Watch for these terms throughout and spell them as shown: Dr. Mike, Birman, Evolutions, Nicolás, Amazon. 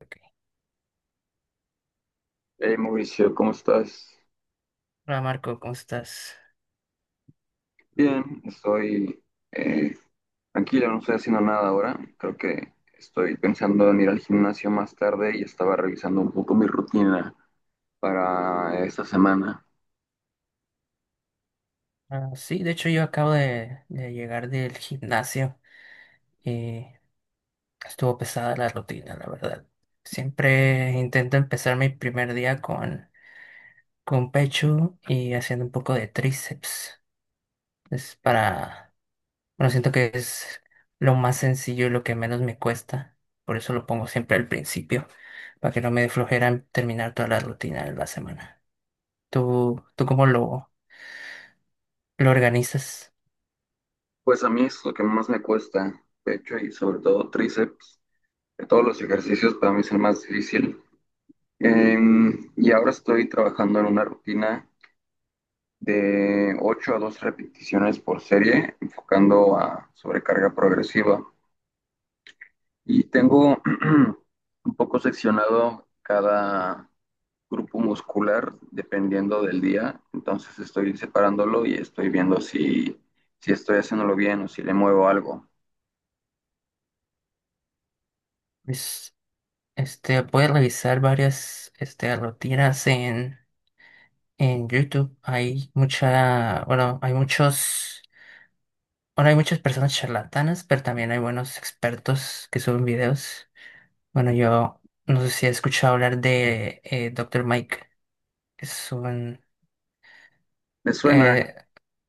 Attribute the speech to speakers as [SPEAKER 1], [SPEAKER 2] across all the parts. [SPEAKER 1] Ok.
[SPEAKER 2] Hey Mauricio, ¿cómo estás?
[SPEAKER 1] Hola Marco, ¿cómo estás?
[SPEAKER 2] Bien, estoy eh, tranquilo, no estoy haciendo nada ahora. Creo que estoy pensando en ir al gimnasio más tarde y estaba revisando un poco mi rutina para esta semana.
[SPEAKER 1] Ah, sí, de hecho yo acabo de llegar del gimnasio y estuvo pesada la rutina, la verdad. Siempre intento empezar mi primer día con pecho y haciendo un poco de tríceps. Es bueno, siento que es lo más sencillo y lo que menos me cuesta. Por eso lo pongo siempre al principio, para que no me dé flojera en terminar toda la rutina de la semana. ¿Tú cómo lo organizas?
[SPEAKER 2] Pues a mí es lo que más me cuesta, pecho y sobre todo tríceps. De todos los ejercicios para mí es el más difícil. Y ahora estoy trabajando en una rutina de ocho a 12 repeticiones por serie, enfocando a sobrecarga progresiva. Y tengo un poco seccionado cada grupo muscular dependiendo del día. Entonces estoy separándolo y estoy viendo si estoy haciéndolo bien o si le muevo algo.
[SPEAKER 1] Este, puedes revisar varias este, rutinas en YouTube. Hay mucha, bueno, hay muchos, bueno, hay muchas personas charlatanas, pero también hay buenos expertos que suben videos. Bueno, yo no sé si he escuchado hablar de Dr. Mike, que
[SPEAKER 2] Me suena,
[SPEAKER 1] eh,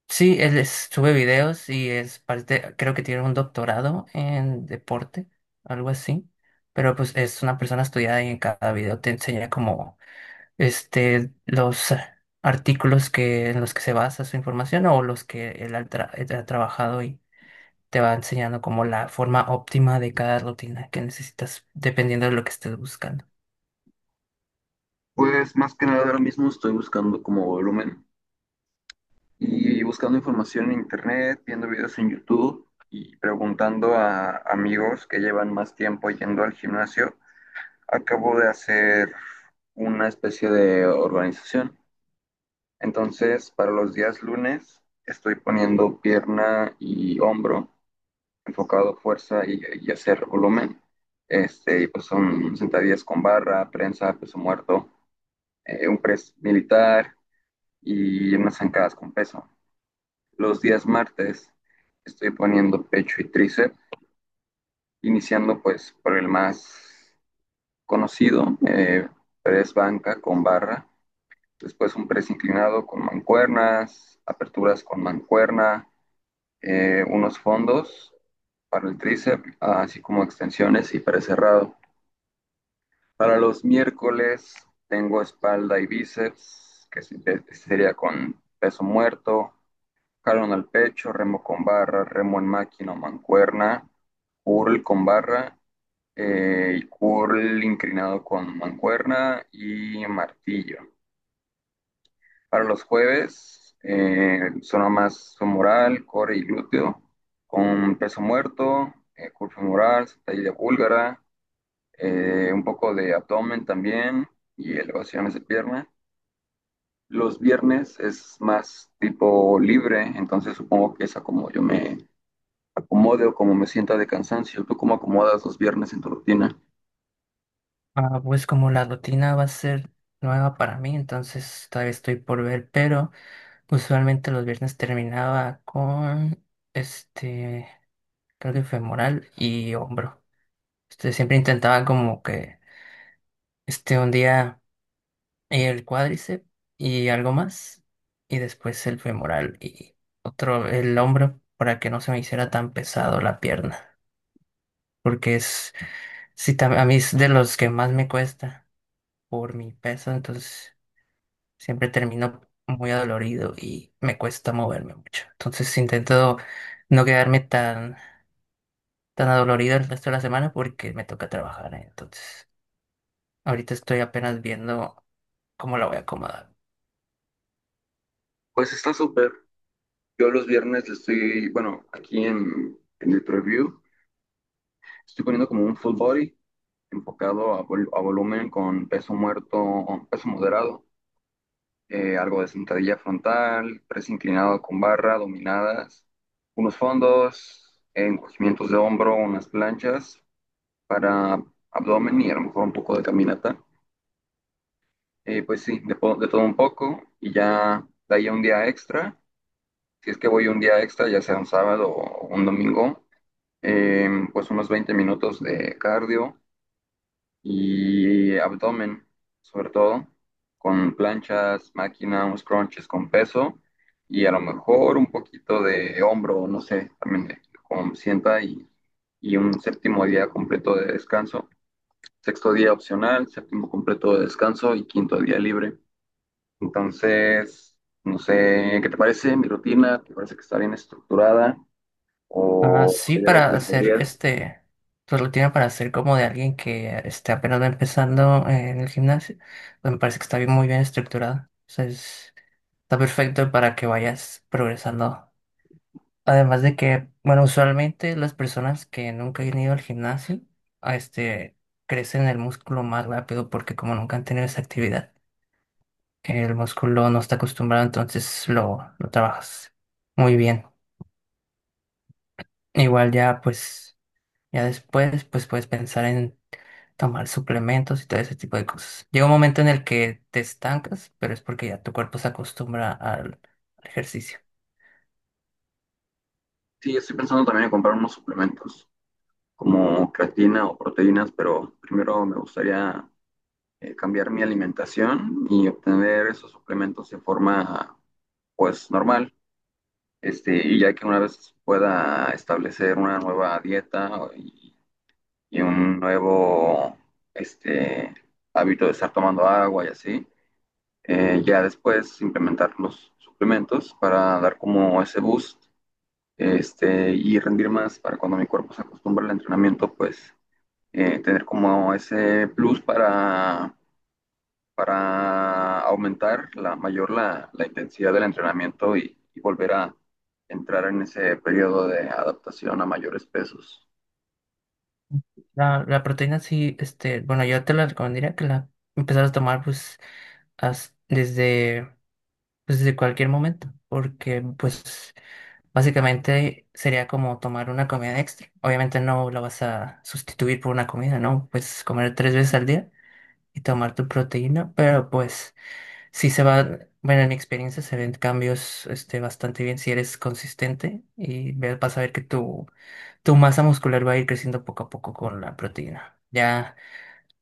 [SPEAKER 1] sí, sube videos y es parte, creo que tiene un doctorado en deporte, algo así. Pero pues es una persona estudiada y en cada video te enseña como este, los artículos en los que se basa su información o los que él él ha trabajado y te va enseñando como la forma óptima de cada rutina que necesitas, dependiendo de lo que estés buscando.
[SPEAKER 2] pues más que nada ahora mismo estoy buscando como volumen y buscando información en internet, viendo videos en YouTube y preguntando a amigos que llevan más tiempo yendo al gimnasio. Acabo de hacer una especie de organización. Entonces, para los días lunes estoy poniendo pierna y hombro, enfocado fuerza y hacer volumen. Y pues son sentadillas con barra, prensa, peso muerto, un press militar y unas zancadas con peso. Los días martes estoy poniendo pecho y tríceps, iniciando pues por el más conocido, press banca con barra, después un press inclinado con mancuernas, aperturas con mancuerna, unos fondos para el tríceps, así como extensiones y press cerrado. Para los miércoles tengo espalda y bíceps, que sería con peso muerto, jalón al pecho, remo con barra, remo en máquina o mancuerna, curl con barra, y curl inclinado con mancuerna y martillo. Para los jueves, zona más femoral, core y glúteo, con peso muerto, curva femoral, sentadilla búlgara, un poco de abdomen también y elevaciones de pierna. Los viernes es más tipo libre, entonces supongo que es a como yo me acomode o como me sienta de cansancio. ¿Tú cómo acomodas los viernes en tu rutina?
[SPEAKER 1] Ah, pues como la rutina va a ser nueva para mí, entonces todavía estoy por ver, pero usualmente los viernes terminaba con este, creo que femoral y hombro. Este, siempre intentaba como que este un día. El cuádriceps y algo más, y después el femoral y otro, el hombro, para que no se me hiciera tan pesado la pierna, porque es, sí, a mí es de los que más me cuesta por mi peso, entonces siempre termino muy adolorido y me cuesta moverme mucho. Entonces intento no quedarme tan adolorido el resto de la semana porque me toca trabajar, ¿eh? Entonces ahorita estoy apenas viendo cómo la voy a acomodar.
[SPEAKER 2] Pues está súper. Yo los viernes le estoy, bueno, aquí en el preview, estoy poniendo como un full body enfocado a, a volumen con peso muerto, peso moderado, algo de sentadilla frontal, press inclinado con barra, dominadas, unos fondos, encogimientos de hombro, unas planchas para abdomen y a lo mejor un poco de caminata. Pues sí, de todo un poco y ya de ahí a un día extra. Si es que voy un día extra, ya sea un sábado o un domingo, pues unos 20 minutos de cardio y abdomen, sobre todo, con planchas, máquina, unos crunches con peso y a lo mejor un poquito de hombro, no sé, también de como sienta y un séptimo día completo de descanso. Sexto día opcional, séptimo completo de descanso y quinto día libre. Entonces, no sé, ¿qué te parece mi rutina? ¿Te parece que está bien estructurada?
[SPEAKER 1] Ah,
[SPEAKER 2] ¿O
[SPEAKER 1] sí,
[SPEAKER 2] hay algo que
[SPEAKER 1] para
[SPEAKER 2] le
[SPEAKER 1] hacer
[SPEAKER 2] podrías?
[SPEAKER 1] este, pues lo tiene para hacer como de alguien que esté apenas va empezando en el gimnasio. Pues me parece que está bien, muy bien estructurada. O sea, está perfecto para que vayas progresando. Además de que, bueno, usualmente las personas que nunca han ido al gimnasio, a este, crecen el músculo más rápido porque como nunca han tenido esa actividad, el músculo no está acostumbrado, entonces lo trabajas muy bien. Igual ya, pues. Ya después, pues puedes pensar en tomar suplementos y todo ese tipo de cosas. Llega un momento en el que te estancas, pero es porque ya tu cuerpo se acostumbra al ejercicio.
[SPEAKER 2] Sí, estoy pensando también en comprar unos suplementos, como creatina o proteínas, pero primero me gustaría cambiar mi alimentación y obtener esos suplementos de forma pues normal. Y ya que una vez pueda establecer una nueva dieta y un nuevo este, hábito de estar tomando agua y así, ya después implementar los suplementos para dar como ese boost, y rendir más para cuando mi cuerpo se acostumbre al entrenamiento, pues tener como ese plus para aumentar la mayor la intensidad del entrenamiento y volver a entrar en ese periodo de adaptación a mayores pesos.
[SPEAKER 1] La proteína sí, este, bueno, yo te la recomendaría que la empezaras a tomar pues desde, pues, desde cualquier momento, porque pues básicamente sería como tomar una comida extra. Obviamente no la vas a sustituir por una comida, ¿no? Pues comer tres veces al día y tomar tu proteína, pero pues... Sí se va, bueno, en mi experiencia se ven cambios este, bastante bien si eres consistente y vas a ver que tu masa muscular va a ir creciendo poco a poco con la proteína. Ya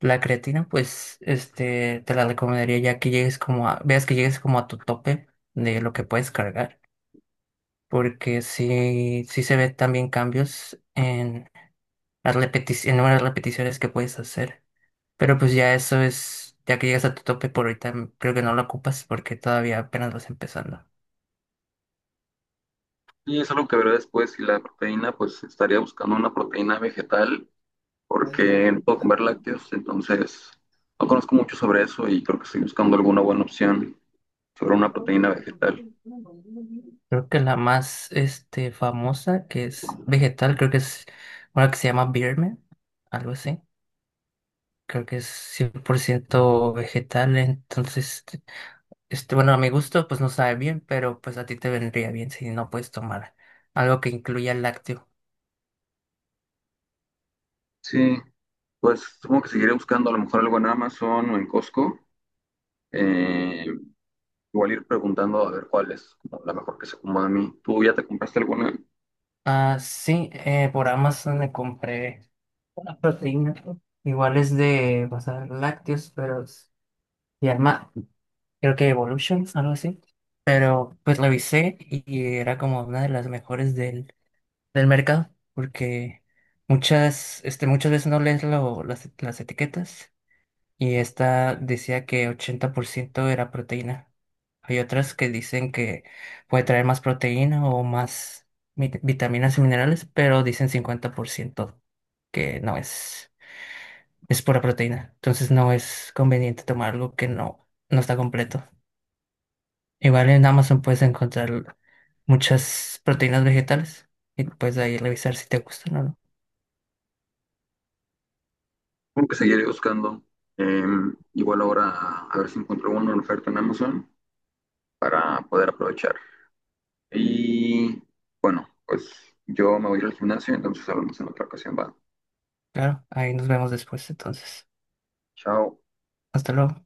[SPEAKER 1] la creatina, pues, este, te la recomendaría ya que llegues como a, veas que llegues como a tu tope de lo que puedes cargar, porque sí, sí se ven también cambios en las en el número de repeticiones que puedes hacer. Pero pues ya eso es, ya que llegas a tu tope por ahorita, creo que no lo ocupas porque todavía apenas vas empezando.
[SPEAKER 2] Y es algo que veré después. Si la proteína, pues estaría buscando una proteína vegetal porque no puedo comer lácteos, entonces no conozco mucho sobre eso y creo que estoy buscando alguna buena opción sobre una proteína vegetal.
[SPEAKER 1] Creo que la más este, famosa, que es vegetal, creo que es una que se llama Birman, algo así. Creo que es 100% vegetal, entonces, este, bueno, a mi gusto pues no sabe bien, pero pues a ti te vendría bien si no puedes tomar algo que incluya lácteo.
[SPEAKER 2] Sí, pues supongo que seguiré buscando a lo mejor algo en Amazon o en Costco. Eh, Igual ir preguntando a ver cuál es como la mejor que se acomoda a mí. ¿Tú ya te compraste alguna?
[SPEAKER 1] Ah, sí, por Amazon me compré una proteína, igual es de, o sea, lácteos, pero se llama creo que Evolutions, algo así. Pero pues revisé y era como una de las mejores del mercado, porque muchas, este, muchas veces no lees las etiquetas y esta decía que 80% era proteína. Hay otras que dicen que puede traer más proteína o más vitaminas y minerales, pero dicen 50% que no es, es pura proteína. Entonces no es conveniente tomar algo que no está completo. Igual en Amazon puedes encontrar muchas proteínas vegetales y puedes ahí revisar si te gustan o no.
[SPEAKER 2] Tengo que seguir buscando. Eh, Igual ahora a ver si encuentro una oferta en Amazon para poder aprovechar. Y bueno, pues yo me voy a ir al gimnasio, entonces hablamos en otra ocasión. Va.
[SPEAKER 1] Claro, ahí nos vemos después entonces.
[SPEAKER 2] Chao.
[SPEAKER 1] Hasta luego.